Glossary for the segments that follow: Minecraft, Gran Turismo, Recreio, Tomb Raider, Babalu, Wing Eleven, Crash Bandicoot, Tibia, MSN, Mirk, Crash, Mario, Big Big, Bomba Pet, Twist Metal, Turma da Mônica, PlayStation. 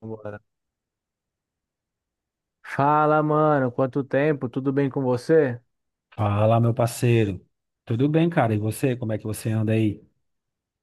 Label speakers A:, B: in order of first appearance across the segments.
A: Vambora. Fala, mano, quanto tempo? Tudo bem com você?
B: Fala, meu parceiro. Tudo bem, cara? E você, como é que você anda aí?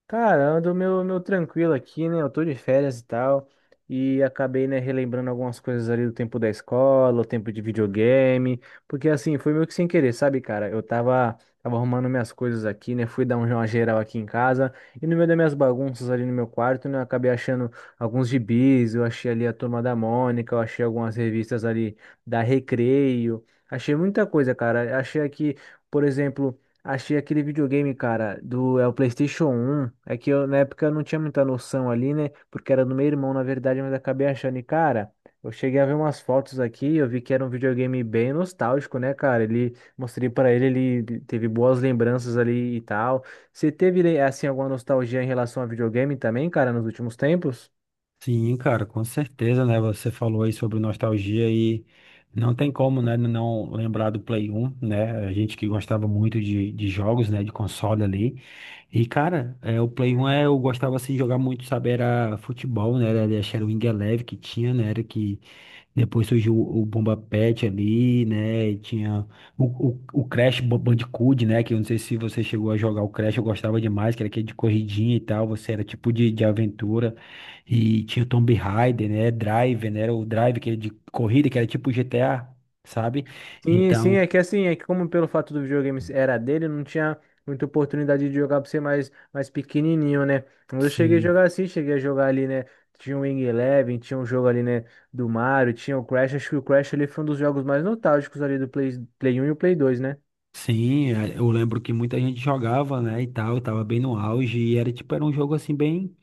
A: Cara, ando meu tranquilo aqui, né? Eu tô de férias e tal. E acabei, né, relembrando algumas coisas ali do tempo da escola, o tempo de videogame. Porque assim, foi meio que sem querer, sabe, cara? Eu tava arrumando minhas coisas aqui, né? Fui dar uma geral aqui em casa. E no meio das minhas bagunças ali no meu quarto, né? Eu acabei achando alguns gibis, eu achei ali a Turma da Mônica, eu achei algumas revistas ali da Recreio. Achei muita coisa, cara. Achei aqui, por exemplo. Achei aquele videogame, cara, do é o PlayStation 1. É que eu, na época eu não tinha muita noção ali, né? Porque era do meu irmão, na verdade, mas acabei achando. E, cara, eu cheguei a ver umas fotos aqui, eu vi que era um videogame bem nostálgico, né, cara? Ele mostrei pra ele, ele teve boas lembranças ali e tal. Você teve, assim, alguma nostalgia em relação a videogame também, cara, nos últimos tempos?
B: Sim, cara, com certeza, né? Você falou aí sobre nostalgia e não tem como, né, não lembrar do Play 1, né? A gente que gostava muito de jogos, né, de console ali. E, cara, é, o Play 1 é, eu gostava assim de jogar muito, sabe? Era futebol, né? Era, acho que era Wing Eleven que tinha, né? Era que depois surgiu o Bomba Pet ali, né? E tinha o, o Crash Bandicoot, né? Que eu não sei se você chegou a jogar o Crash, eu gostava demais, que era aquele de corridinha e tal. Você era tipo de aventura. E tinha o Tomb Raider, né? Drive, né? Era o Drive, que era de corrida, que era tipo GTA, sabe?
A: Sim, sim,
B: Então,
A: é que assim, é que como pelo fato do videogame era dele, não tinha muita oportunidade de jogar por ser mais pequenininho, né? Quando eu cheguei a
B: sim.
A: jogar assim, cheguei a jogar ali, né? Tinha o Wing Eleven, tinha um jogo ali, né? Do Mario, tinha o Crash. Acho que o Crash ali foi um dos jogos mais nostálgicos ali do Play um e o Play 2, né?
B: Sim, é, eu lembro que muita gente jogava, né, e tal, tava bem no auge, e era tipo, era um jogo assim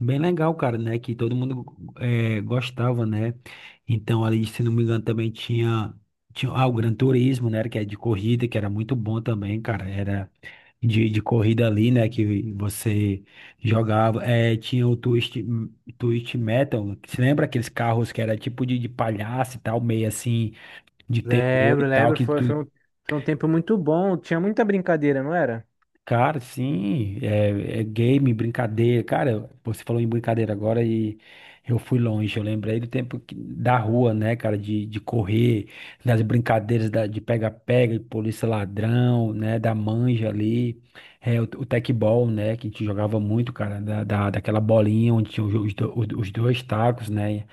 B: bem legal, cara, né? Que todo mundo, gostava, né? Então, ali, se não me engano, também tinha, tinha o Gran Turismo, né? Que é de corrida, que era muito bom também, cara. Era de corrida ali, né? Que você jogava. Tinha o Twist, Twist Metal. Você lembra aqueles carros que era tipo de palhaço e tal, meio assim, de terror e
A: Lembro,
B: tal,
A: lembro,
B: que
A: foi,
B: tu...
A: foi um, foi um tempo muito bom, tinha muita brincadeira, não era?
B: Cara, sim, é, é game, brincadeira. Cara, você falou em brincadeira agora e eu fui longe. Eu lembrei do tempo da rua, né, cara, de correr, das brincadeiras de pega-pega, de polícia ladrão, né, da manja ali. É, o tecbol, né, que a gente jogava muito, cara, daquela bolinha onde tinha os dois tacos, né.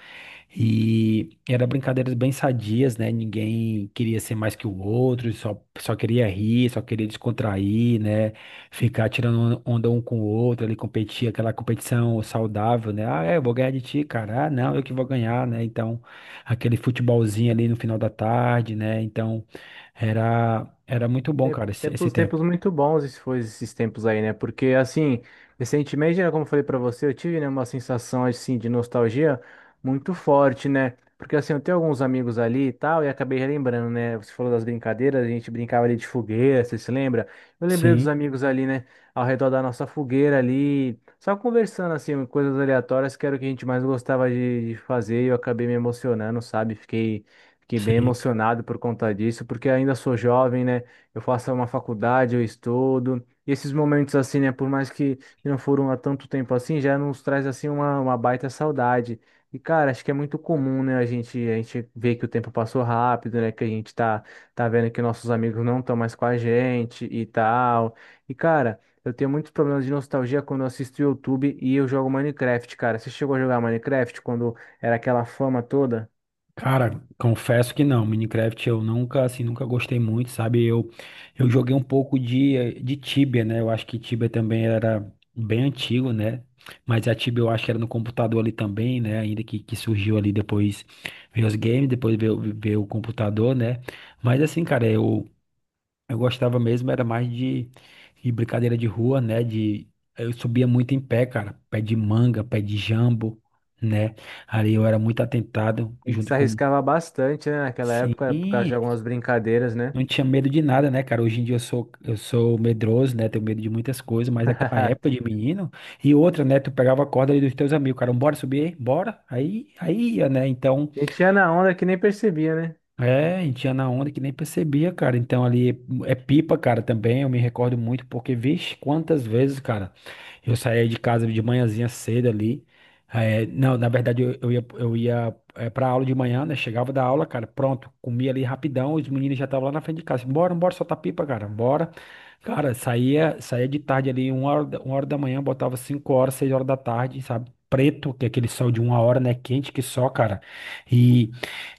B: E era brincadeiras bem sadias, né? Ninguém queria ser mais que o outro, só queria rir, só queria descontrair, né? Ficar tirando onda um com o outro, ali competir, aquela competição saudável, né? Ah, é, eu vou ganhar de ti, cara. Ah, não, eu que vou ganhar, né? Então, aquele futebolzinho ali no final da tarde, né? Então, era muito bom, cara, esse
A: Tempos,
B: tempo.
A: tempos muito bons esses foi esses tempos aí, né? Porque assim, recentemente, né, como eu falei pra você, eu tive, né, uma sensação assim de nostalgia muito forte, né? Porque assim, eu tenho alguns amigos ali e tal, e acabei relembrando, né? Você falou das brincadeiras, a gente brincava ali de fogueira, você se lembra? Eu lembrei dos
B: Sim,
A: amigos ali, né, ao redor da nossa fogueira ali, só conversando assim, coisas aleatórias, que era o que a gente mais gostava de fazer, e eu acabei me emocionando, sabe? Fiquei bem
B: sim.
A: emocionado por conta disso, porque ainda sou jovem, né? Eu faço uma faculdade, eu estudo. E esses momentos assim, né, por mais que não foram há tanto tempo assim, já nos traz assim uma baita saudade. E cara, acho que é muito comum, né, a gente ver que o tempo passou rápido, né, que a gente tá vendo que nossos amigos não estão mais com a gente e tal. E cara, eu tenho muitos problemas de nostalgia quando eu assisto YouTube e eu jogo Minecraft, cara. Você chegou a jogar Minecraft quando era aquela fama toda?
B: Cara, confesso que não, Minecraft eu nunca, assim, nunca gostei muito, sabe? Eu joguei um pouco de, de Tibia, né? Eu acho que Tibia também era bem antigo, né? Mas a Tibia eu acho que era no computador ali também, né? Ainda que surgiu ali depois, veio os games, depois veio, veio o computador, né? Mas assim, cara, eu gostava mesmo, era mais de brincadeira de rua, né? De, eu subia muito em pé, cara, pé de manga, pé de jambo, né? Ali eu era muito atentado,
A: A gente se
B: junto com...
A: arriscava bastante, né, naquela época, por causa de
B: Sim,
A: algumas brincadeiras, né?
B: não tinha medo de nada, né, cara? Hoje em dia eu sou medroso, né? Tenho medo de muitas coisas, mas naquela época de menino. E outra, né? Tu pegava a corda ali dos teus amigos, cara, bora subir, aí? Bora. Aí, aí ia, né? Então,
A: E tinha na onda que nem percebia, né?
B: é, a gente ia na onda que nem percebia, cara. Então ali é pipa, cara, também. Eu me recordo muito, porque, vixe, quantas vezes, cara. Eu saía de casa de manhãzinha cedo ali. É, não, na verdade eu, eu ia é, pra aula de manhã, né? Chegava da aula, cara, pronto, comia ali rapidão, os meninos já estavam lá na frente de casa. Bora, bora, soltar pipa, cara, bora. Cara, saía de tarde ali, uma hora, uma hora da manhã, botava cinco horas, seis horas da tarde, sabe? Preto, que é aquele sol de uma hora, né? Quente que só, cara. E,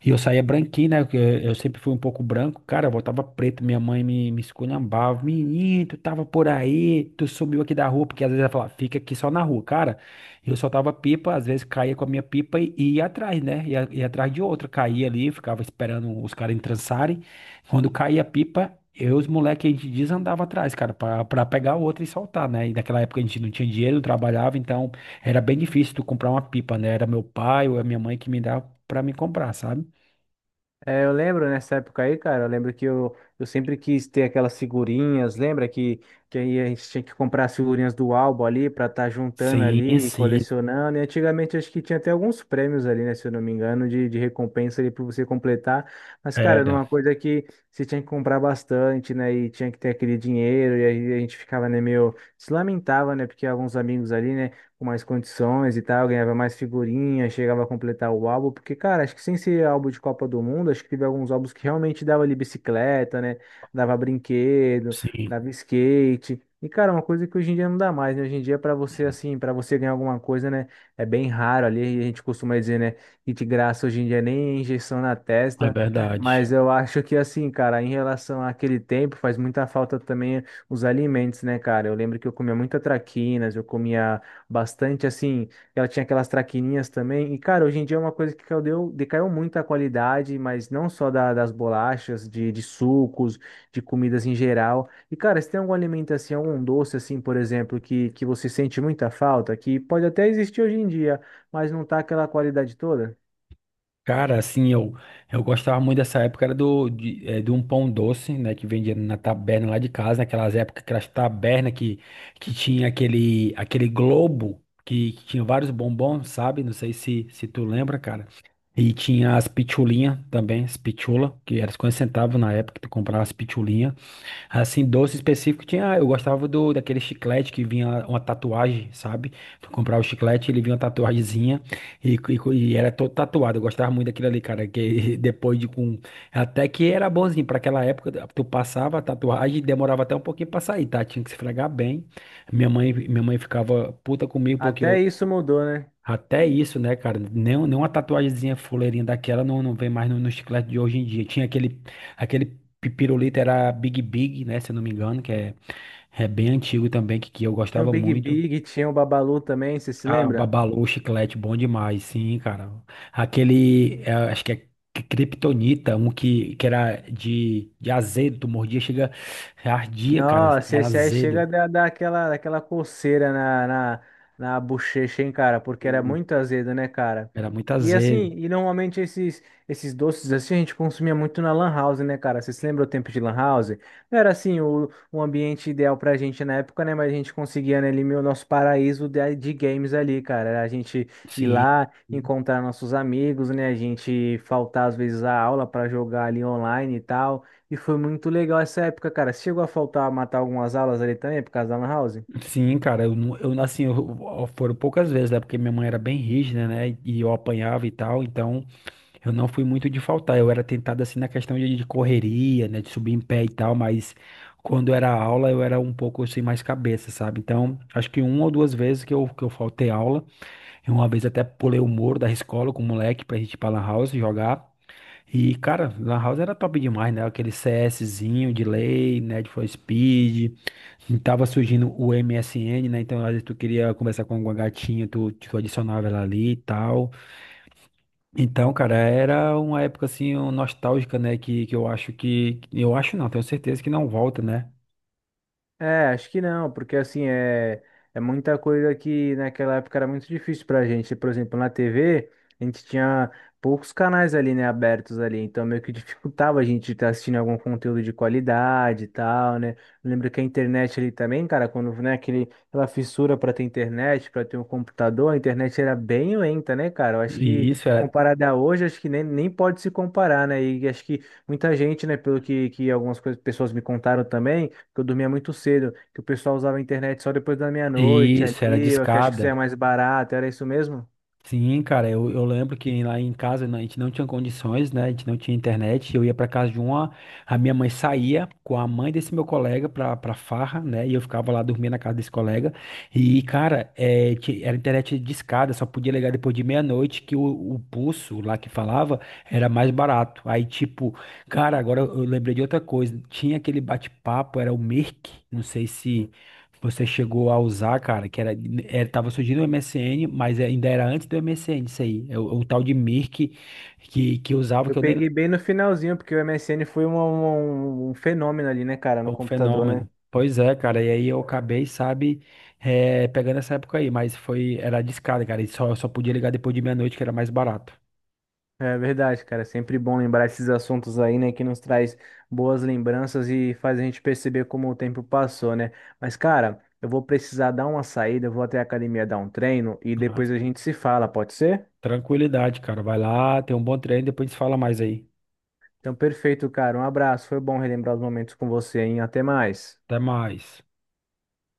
B: e eu saía branquinho, né? que Eu sempre fui um pouco branco. Cara, eu voltava preto. Minha mãe me esculhambava. Menino, tu tava por aí. Tu subiu aqui da rua. Porque às vezes ela falava, fica aqui só na rua. Cara, eu soltava pipa. Às vezes caía com a minha pipa e ia atrás, né? Ia atrás de outra. Caía ali, ficava esperando os caras entrançarem. Quando caía a pipa, eu e os moleques, a gente desandava atrás, cara, pra pegar outra e soltar, né? E naquela época a gente não tinha dinheiro, não trabalhava. Então era bem difícil tu comprar uma pipa, né? Era meu pai ou a minha mãe que me dava pra me comprar, sabe?
A: É, eu lembro nessa época aí, cara, eu lembro que eu sempre quis ter aquelas figurinhas, lembra que, aí a gente tinha que comprar as figurinhas do álbum ali pra estar juntando
B: Sim,
A: ali, e
B: sim,
A: colecionando. E antigamente acho que tinha até alguns prêmios ali, né, se eu não me engano, de recompensa ali pra você completar. Mas, cara, era
B: era.
A: uma coisa que você tinha que comprar bastante, né? E tinha que ter aquele dinheiro, e aí a gente ficava, né, meio se lamentava, né? Porque alguns amigos ali, né, com mais condições e tal, ganhava mais figurinhas, chegava a completar o álbum, porque, cara, acho que sem ser álbum de Copa do Mundo, acho que teve alguns álbuns que realmente dava ali bicicleta, né? Dava brinquedo,
B: Sim,
A: dava skate. E, cara, uma coisa que hoje em dia não dá mais, né? Hoje em dia, pra você, assim, pra você ganhar alguma coisa, né? É bem raro ali, a gente costuma dizer, né? Que de graça hoje em dia nem injeção na
B: é
A: testa.
B: verdade.
A: Mas eu acho que, assim, cara, em relação àquele tempo, faz muita falta também os alimentos, né, cara? Eu lembro que eu comia muita traquinas, eu comia bastante assim, ela tinha aquelas traquininhas também. E cara, hoje em dia é uma coisa que caiu, decaiu muito a qualidade, mas não só das bolachas, de sucos, de comidas em geral. E cara, se tem alguma alimentação, algum doce assim, por exemplo, que você sente muita falta, que pode até existir hoje em dia, mas não tá aquela qualidade toda?
B: Cara, assim, eu gostava muito dessa época, era do, de, de um pão doce, né, que vendia na taberna lá de casa, naquelas épocas, aquelas tabernas que tinha aquele, aquele globo, que tinha vários bombons, sabe? Não sei se, se tu lembra, cara. E tinha as pitulinhas também, as pitula, que era 50 centavos na época que tu comprava as pitulinhas. Assim, doce específico tinha. Eu gostava do daquele chiclete que vinha uma tatuagem, sabe? Tu comprava o chiclete, ele vinha uma tatuagemzinha e era todo tatuado. Eu gostava muito daquilo ali, cara. Que depois de com. Até que era bonzinho. Pra aquela época, tu passava a tatuagem e demorava até um pouquinho pra sair, tá? Tinha que se esfregar bem. Minha mãe ficava puta comigo porque
A: Até
B: eu,
A: isso mudou, né?
B: até isso, né, cara? Nem uma tatuagemzinha fuleirinha daquela não, não vem mais no chiclete de hoje em dia. Tinha aquele, aquele pirulito, era Big Big, né? Se eu não me engano, que é, é bem antigo também, que eu
A: Tinha o
B: gostava
A: Big
B: muito.
A: Big, tinha o Babalu também, você se
B: Ah,
A: lembra?
B: Babalu, chiclete, bom demais, sim, cara. Aquele, é, acho que é Kryptonita, um que era de azedo, tu mordia, chega, ardia, cara,
A: Nossa,
B: era
A: esse aí chega a
B: azedo.
A: dar aquela coceira na bochecha, hein, cara? Porque era
B: Sim.
A: muito azedo, né, cara?
B: Era muito
A: E assim,
B: azedo,
A: e normalmente esses doces assim a gente consumia muito na Lan House, né, cara? Vocês lembram o tempo de Lan House? Não era assim o ambiente ideal pra gente na época, né? Mas a gente conseguia, né, ali, o nosso paraíso de games ali, cara. Era a gente ir
B: sim.
A: lá, encontrar nossos amigos, né? A gente faltar às vezes a aula pra jogar ali online e tal. E foi muito legal essa época, cara. Você chegou a faltar matar algumas aulas ali também por causa da Lan House?
B: Sim, cara, eu, não- eu assim, eu- foram poucas vezes, né? Porque minha mãe era bem rígida, né? E eu apanhava e tal, então eu não fui muito de faltar. Eu era tentado assim na questão de correria, né? De subir em pé e tal, mas quando era aula eu era um pouco assim mais cabeça, sabe? Então, acho que uma ou duas vezes que eu faltei aula. E uma vez até pulei o muro da escola com o moleque pra gente ir pra Lan House jogar. E, cara, Lan House era top demais, né? Aquele CSzinho de lei, né? De for Speed. E tava surgindo o MSN, né? Então, às vezes tu queria conversar com alguma gatinha, tu adicionava ela ali e tal. Então, cara, era uma época assim um, nostálgica, né? Que. Eu acho não, tenho certeza que não volta, né?
A: É, acho que não, porque assim é muita coisa que naquela época era muito difícil pra gente. Por exemplo, na TV, a gente tinha poucos canais ali, né, abertos ali, então meio que dificultava a gente estar assistindo algum conteúdo de qualidade e tal, né? Eu lembro que a internet ali também, cara, quando, né, aquele, aquela fissura pra ter internet, pra ter um computador, a internet era bem lenta, né, cara? Eu acho
B: E
A: que
B: isso era,
A: comparada a hoje, acho que nem pode se comparar, né? E acho que muita gente, né, pelo que algumas pessoas me contaram também que eu dormia muito cedo, que o pessoal usava a internet só depois da meia-noite
B: isso era
A: ali, eu que acho que isso
B: discada.
A: é mais barato, era isso mesmo?
B: Sim, cara, eu lembro que lá em casa né, a gente não tinha condições, né? A gente não tinha internet. Eu ia pra casa de uma, a minha mãe saía com a mãe desse meu colega pra farra, né? E eu ficava lá dormindo na casa desse colega. E, cara, é, ti- era internet discada, só podia ligar depois de meia-noite, que o pulso lá que falava era mais barato. Aí, tipo, cara, agora eu lembrei de outra coisa. Tinha aquele bate-papo, era o Mirk, não sei se. Você chegou a usar, cara, que era, era tava surgindo o MSN, mas é, ainda era antes do MSN, isso aí. É o tal de Mirk que usava,
A: Eu
B: que eu nem...
A: peguei bem no finalzinho, porque o MSN foi um fenômeno ali, né, cara, no
B: Foi um
A: computador, né?
B: fenômeno. Pois é, cara, e aí eu acabei, sabe, pegando essa época aí, mas foi, era discada, cara, e só, eu só podia ligar depois de meia-noite, que era mais barato.
A: É verdade, cara, é sempre bom lembrar esses assuntos aí, né, que nos traz boas lembranças e faz a gente perceber como o tempo passou, né? Mas, cara, eu vou precisar dar uma saída, eu vou até a academia dar um treino e
B: Ah,
A: depois a gente se fala, pode ser?
B: tranquilidade, cara, vai lá, tem um bom treino, depois a gente fala mais aí.
A: Então, perfeito, cara. Um abraço. Foi bom relembrar os momentos com você, hein? Até mais.
B: Até mais.